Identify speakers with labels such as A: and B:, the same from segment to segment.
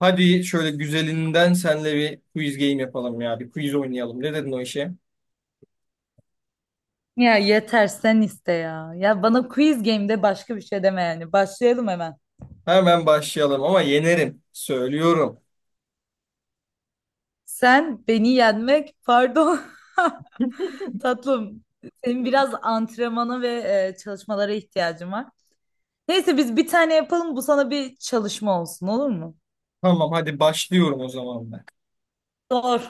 A: Hadi şöyle güzelinden senle bir quiz game yapalım ya. Bir quiz oynayalım. Ne dedin o işe?
B: Ya yeter sen iste ya. Ya bana quiz game'de başka bir şey deme yani. Başlayalım hemen.
A: Hemen başlayalım ama yenerim. Söylüyorum.
B: Sen beni yenmek, pardon tatlım. Senin biraz antrenmana ve çalışmalara ihtiyacın var. Neyse biz bir tane yapalım. Bu sana bir çalışma olsun olur mu?
A: Tamam hadi başlıyorum o zaman ben.
B: Doğru.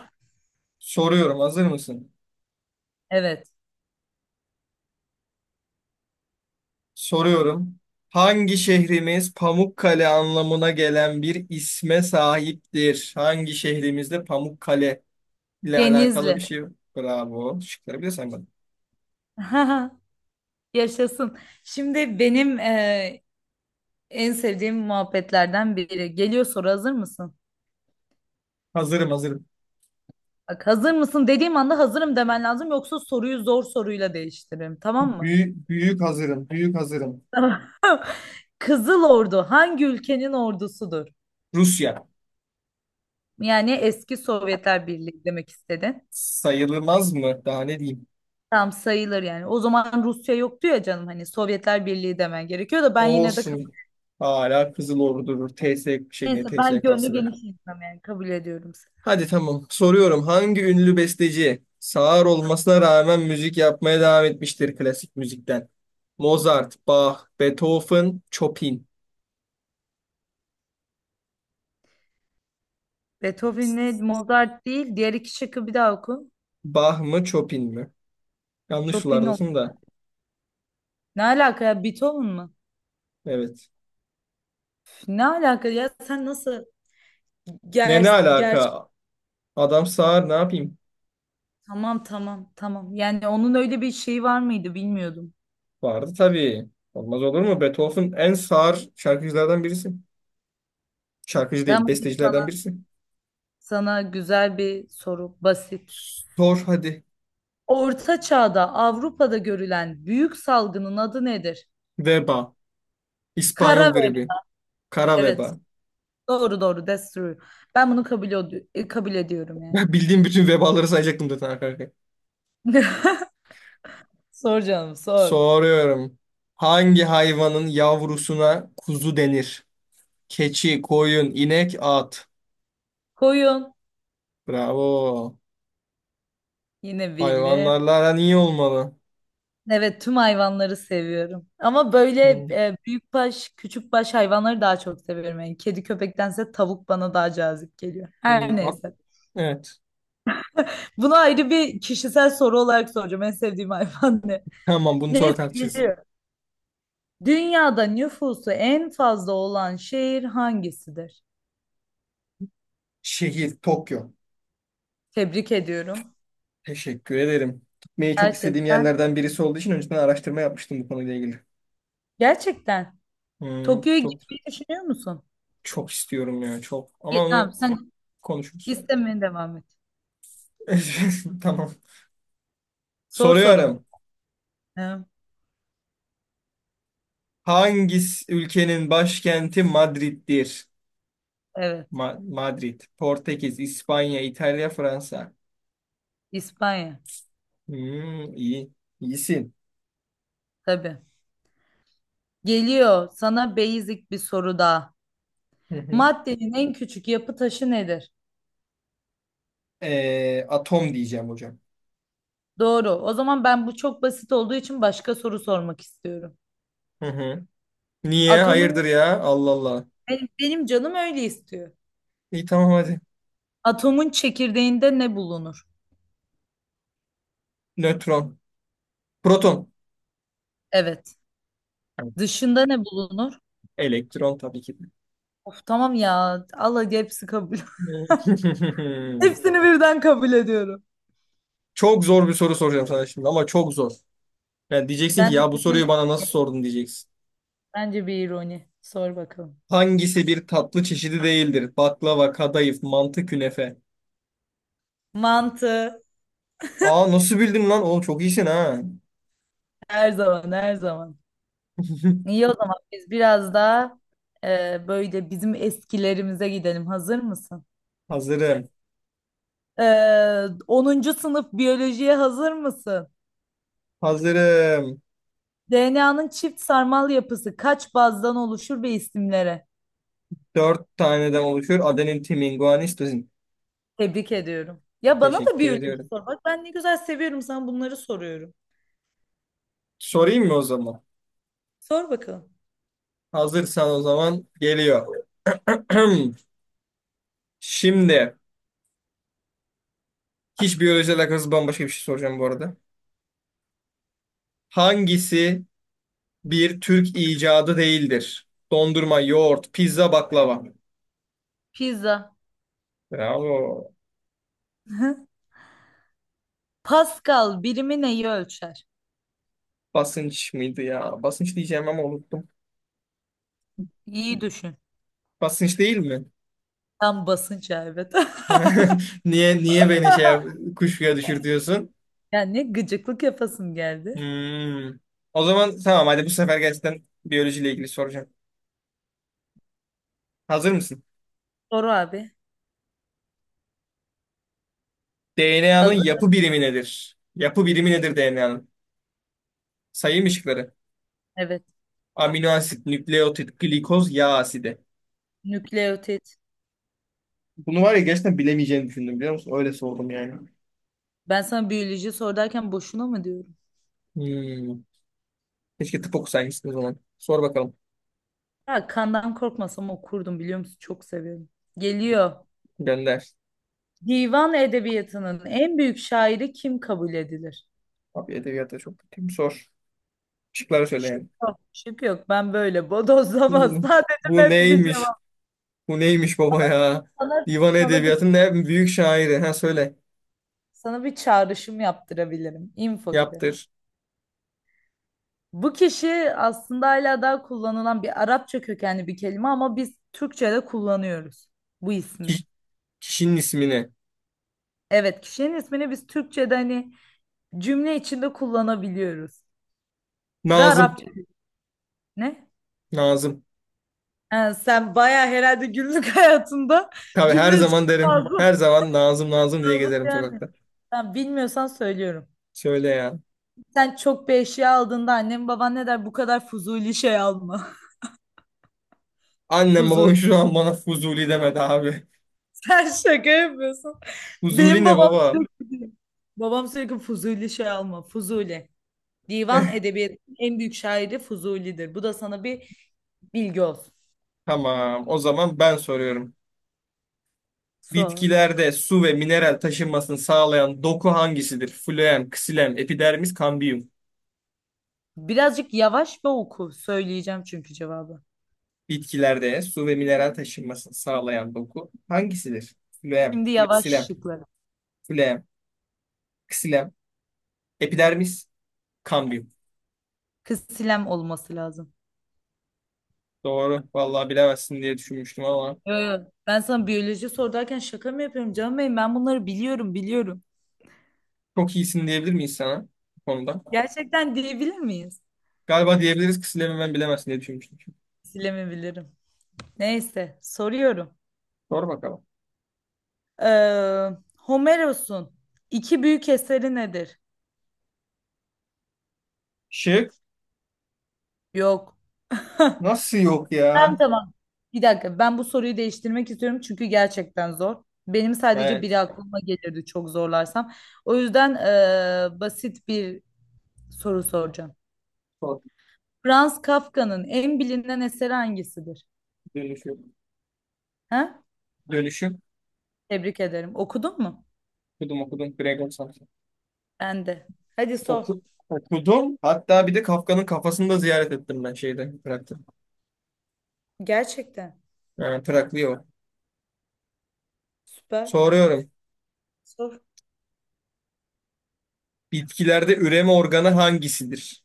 A: Soruyorum. Hazır mısın?
B: Evet.
A: Soruyorum. Hangi şehrimiz Pamukkale anlamına gelen bir isme sahiptir? Hangi şehrimizde Pamukkale ile alakalı
B: Denizli.
A: bir şey? Bravo. Şıkları bile saymadım.
B: Yaşasın. Şimdi benim en sevdiğim muhabbetlerden biri. Geliyor soru, hazır mısın?
A: Hazırım.
B: Bak hazır mısın dediğim anda hazırım demen lazım, yoksa soruyu zor soruyla değiştiririm, tamam mı?
A: Büyük, büyük hazırım. Büyük hazırım.
B: Tamam. Kızıl Ordu hangi ülkenin ordusudur?
A: Rusya.
B: Yani eski Sovyetler Birliği demek istedin.
A: Sayılmaz mı? Daha ne diyeyim?
B: Tam sayılır yani. O zaman Rusya yoktu ya canım, hani Sovyetler Birliği demen gerekiyor, da ben yine de kabul.
A: Olsun. Hala Kızıl Ordu durur. TS ne
B: Neyse, ben gönlü
A: TSK'sı be.
B: geniş insanım, yani kabul ediyorum seni.
A: Hadi tamam. Soruyorum. Hangi ünlü besteci sağır olmasına rağmen müzik yapmaya devam etmiştir klasik müzikten? Mozart, Bach, Beethoven, Chopin.
B: Beethoven'le Mozart değil, diğer iki şıkkı bir daha oku.
A: Bach mı, Chopin mi? Yanlış
B: Chopin ol.
A: sulardasın da.
B: Ne alaka ya, Beethoven mı?
A: Evet.
B: Ne alaka ya, sen nasıl
A: Ne
B: ger
A: alaka? Adam sağır ne yapayım?
B: Tamam, tamam, tamam. Yani onun öyle bir şeyi var mıydı bilmiyordum.
A: Vardı tabii. Olmaz olur mu? Beethoven en sağır şarkıcılardan birisi. Şarkıcı değil,
B: Tamam, hadi
A: bestecilerden
B: sana,
A: birisi.
B: sana güzel bir soru, basit.
A: Sor hadi.
B: Orta Çağ'da Avrupa'da görülen büyük salgının adı nedir?
A: Veba.
B: Kara
A: İspanyol gribi.
B: veba.
A: Kara
B: Evet.
A: veba.
B: Doğru doğru. That's true. Ben bunu kabul ediyorum yani.
A: Ben bildiğim bütün vebaları sayacaktım zaten arka arkaya.
B: Sor canım, sor.
A: Soruyorum. Hangi hayvanın yavrusuna kuzu denir? Keçi, koyun, inek, at.
B: Koyun.
A: Bravo.
B: Yine bildim.
A: Hayvanlarla aran iyi olmalı.
B: Evet, tüm hayvanları seviyorum. Ama böyle
A: Hmm,
B: büyük baş, küçük baş hayvanları daha çok seviyorum. Yani kedi köpektense tavuk bana daha cazip geliyor.
A: hmm,
B: Her
A: at.
B: neyse.
A: Evet.
B: Bunu ayrı bir kişisel soru olarak soracağım. En sevdiğim hayvan ne?
A: Tamam bunu sonra
B: Neyse,
A: tartışırız.
B: geliyor. Dünyada nüfusu en fazla olan şehir hangisidir?
A: Şehir Tokyo.
B: Tebrik ediyorum.
A: Teşekkür ederim. Gitmeyi çok istediğim
B: Gerçekten.
A: yerlerden birisi olduğu için önceden araştırma yapmıştım bu konuyla ilgili.
B: Gerçekten.
A: Hmm,
B: Tokyo'ya
A: çok
B: gitmeyi düşünüyor musun?
A: çok istiyorum ya çok. Ama
B: İyi, tamam,
A: onu
B: sen
A: konuşuruz sonra.
B: istemeye devam et.
A: Tamam.
B: Sor sorunu.
A: Soruyorum.
B: Hı,
A: Hangisi ülkenin başkenti Madrid'dir?
B: Evet.
A: Madrid, Portekiz, İspanya, İtalya, Fransa.
B: İspanya.
A: Hmm, iyi. İyisin.
B: Tabii. Geliyor sana basic bir soru daha.
A: Hı hı.
B: Maddenin en küçük yapı taşı nedir?
A: Atom diyeceğim hocam.
B: Doğru. O zaman ben bu çok basit olduğu için başka soru sormak istiyorum.
A: Hı hı. Niye?
B: Atomun
A: Hayırdır ya? Allah Allah.
B: benim canım öyle istiyor.
A: İyi tamam hadi.
B: Atomun çekirdeğinde ne bulunur?
A: Nötron. Proton.
B: Evet.
A: Evet.
B: Dışında ne bulunur?
A: Elektron tabii ki. De.
B: Of tamam ya. Allah, hepsi kabul. Hepsini birden kabul ediyorum.
A: Çok zor bir soru soracağım sana şimdi ama çok zor. Yani diyeceksin ki ya
B: Bence
A: bu
B: bu
A: soruyu
B: bir,
A: bana nasıl sordun diyeceksin.
B: bence bir ironi. Sor bakalım.
A: Hangisi bir tatlı çeşidi değildir? Baklava, kadayıf, mantı, künefe.
B: Mantı
A: Aa nasıl bildin lan? Oğlum çok iyisin ha.
B: her zaman, her zaman. İyi, o zaman biz biraz daha böyle bizim eskilerimize gidelim. Hazır mısın?
A: Hazırım.
B: 10. sınıf biyolojiye hazır mısın?
A: Hazırım.
B: DNA'nın çift sarmal yapısı kaç bazdan oluşur ve isimlere?
A: Dört taneden oluşuyor. Adenin, timin, guanin, sitozin.
B: Tebrik ediyorum. Ya bana da
A: Teşekkür
B: biyoloji
A: ediyorum.
B: sor. Bak, ben ne güzel seviyorum, sana bunları soruyorum.
A: Sorayım mı o zaman?
B: Sor bakalım.
A: Hazırsan o zaman geliyor. Şimdi hiç biyolojiyle alakası bambaşka bir şey soracağım bu arada. Hangisi bir Türk icadı değildir? Dondurma, yoğurt, pizza, baklava.
B: Pizza.
A: Bravo.
B: Pascal birimi neyi ölçer?
A: Basınç mıydı ya? Basınç diyeceğim ama unuttum.
B: İyi düşün.
A: Basınç değil mi?
B: Tam basınç, evet.
A: Niye beni kuşkuya düşürtüyorsun?
B: Ya, ne gıcıklık yapasım geldi.
A: Hmm. O zaman tamam hadi bu sefer gerçekten biyolojiyle ilgili soracağım. Hazır mısın?
B: Soru abi.
A: DNA'nın
B: Hazır.
A: yapı birimi nedir? Yapı birimi nedir DNA'nın? Sayım ışıkları.
B: Evet.
A: Amino asit, nükleotit, glikoz, yağ asidi.
B: Nükleotit.
A: Bunu var ya gerçekten bilemeyeceğini düşündüm biliyor musun? Öyle sordum yani.
B: Ben sana biyoloji sor derken boşuna mı diyorum?
A: Hmm. Keşke tıp okusaymışsın o zaman. Sor bakalım.
B: Ya kandan korkmasam okurdum, biliyor musun? Çok seviyorum. Geliyor.
A: Gönder.
B: Divan edebiyatının en büyük şairi kim kabul edilir?
A: Abi edebiyata çok kötüyüm. Sor. Şıkları söyle yani.
B: Şık yok. Şık yok. Ben böyle bodozlamaz.
A: Bu
B: Sadece
A: Bu
B: net bir
A: neymiş?
B: cevap.
A: Bu neymiş baba ya?
B: Sana,
A: Divan
B: sana bir,
A: Edebiyatı'nın en büyük şairi. Ha söyle.
B: sana bir çağrışım yaptırabilirim. Info gibi.
A: Yaptır.
B: Bu kişi aslında hala daha kullanılan bir Arapça kökenli bir kelime ama biz Türkçe'de kullanıyoruz bu ismi.
A: Ki- Kişinin ismini.
B: Evet, kişinin ismini biz Türkçe'de hani cümle içinde kullanabiliyoruz. Ve
A: Nazım.
B: Arapça ne?
A: Nazım.
B: Ha, sen bayağı herhalde günlük hayatında
A: Tabii her
B: cümle içinde
A: zaman derim.
B: fazla
A: Her zaman Nazım Nazım diye
B: fazla
A: gezerim sokakta.
B: beğenmiyorsun. Tamam, bilmiyorsan söylüyorum.
A: Söyle ya.
B: Sen çok bir eşya aldığında annen baban ne der? Bu kadar fuzuli şey alma.
A: Annem babam
B: Fuzuli.
A: şu an bana Fuzuli demedi abi.
B: Sen şaka yapıyorsun.
A: Fuzuli
B: Benim
A: ne
B: babam
A: baba?
B: sürekli, babam sürekli fuzuli şey alma. Fuzuli. Divan edebiyatının en büyük şairi Fuzuli'dir. Bu da sana bir bilgi olsun.
A: Tamam. O zaman ben soruyorum.
B: Sor.
A: Bitkilerde su ve mineral taşınmasını sağlayan doku hangisidir? Floem, ksilem, epidermis, kambiyum.
B: Birazcık yavaş ve oku. Söyleyeceğim çünkü cevabı.
A: Bitkilerde su ve mineral taşınmasını sağlayan doku hangisidir? Phloem,
B: Şimdi yavaş
A: xilem,
B: şıkları.
A: phloem, ksilem, epidermis, kambium.
B: Kız silem olması lazım.
A: Doğru. Vallahi bilemezsin diye düşünmüştüm ama
B: Yo, yo. Ben sana biyoloji sorarken şaka mı yapıyorum canım benim? Ben bunları biliyorum, biliyorum.
A: çok iyisin diyebilir miyiz sana bu konuda?
B: Gerçekten diyebilir miyiz?
A: Galiba diyebiliriz ksilemi ben bilemezsin diye düşünmüştüm.
B: Silemi bilirim. Neyse, soruyorum.
A: Sor bakalım.
B: Ee, Homeros'un iki büyük eseri nedir?
A: Şık.
B: Yok.
A: Nasıl yok
B: Tamam,
A: ya?
B: tamam. Bir dakika, ben bu soruyu değiştirmek istiyorum çünkü gerçekten zor. Benim sadece biri
A: Evet.
B: aklıma gelirdi çok zorlarsam. O yüzden basit bir soru soracağım.
A: Sor.
B: Franz Kafka'nın en bilinen eseri hangisidir?
A: Dönüşüm.
B: Ha?
A: Dönüşüm.
B: Tebrik ederim. Okudun mu?
A: Okudum okudum. Gregor Samsa.
B: Ben de. Hadi sor.
A: Oku, Okudum. Hatta bir de Kafka'nın kafasını da ziyaret ettim ben şeyde. Prag'da.
B: Gerçekten.
A: Yani Traklıyor.
B: Süper.
A: Soruyorum.
B: Sor.
A: Bitkilerde üreme organı hangisidir?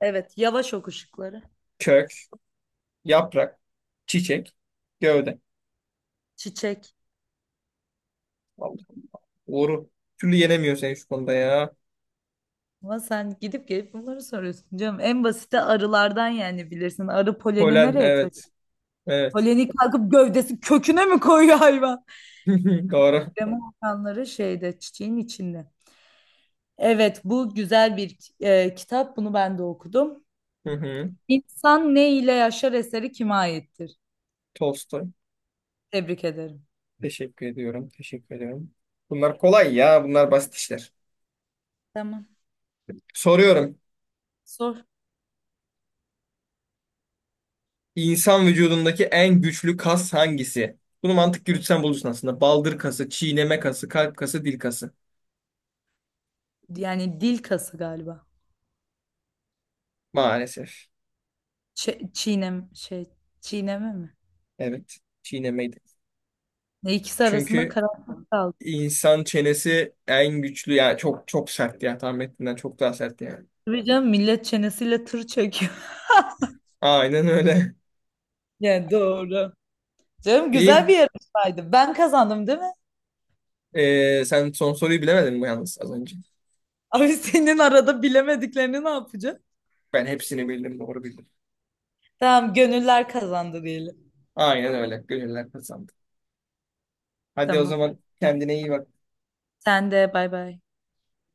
B: Evet. Yavaş oku ışıkları.
A: Kök, yaprak, çiçek, gövde.
B: Çiçek.
A: Vallahi doğru. Bir Türlü yenemiyor seni şu konuda ya.
B: Ama sen gidip gelip bunları soruyorsun canım. En basiti arılardan, yani bilirsin. Arı poleni
A: Polen
B: nereye
A: evet.
B: taşıyor?
A: Evet.
B: Poleni kalkıp gövdesi köküne mi koyuyor hayvan?
A: Doğru.
B: Krema atanları şeyde, çiçeğin içinde. Evet, bu güzel bir kitap. Bunu ben de okudum.
A: Hı hı.
B: İnsan ne ile yaşar eseri kime aittir?
A: Tolstoy.
B: Tebrik ederim.
A: Teşekkür ediyorum. Teşekkür ediyorum. Bunlar kolay ya. Bunlar basit işler.
B: Tamam.
A: Soruyorum.
B: Sor.
A: İnsan vücudundaki en güçlü kas hangisi? Bunu mantık yürütsen bulursun aslında. Baldır kası, çiğneme kası, kalp kası, dil kası.
B: Yani dil kası galiba.
A: Maalesef.
B: Ç- çiğnem şey çiğneme mi?
A: Evet. Çiğnemeydi.
B: Ne, ikisi arasında
A: Çünkü
B: karanlık kaldı.
A: İnsan çenesi en güçlü yani çok çok sert ya tahmin ettiğinden çok daha sert yani.
B: Tabii canım, millet çenesiyle tır çekiyor.
A: Aynen öyle.
B: Yani doğru. Canım, güzel
A: İyi.
B: bir yarışmaydı. Ben kazandım değil mi?
A: Sen son soruyu bilemedin mi yalnız az önce?
B: Abi, senin arada bilemediklerini ne yapacağım?
A: Ben hepsini bildim doğru bildim.
B: Tamam, gönüller kazandı diyelim.
A: Aynen öyle. Gönüller kazandı. Hadi o
B: Tamam.
A: zaman kendine iyi bak.
B: Sen de, bay bay.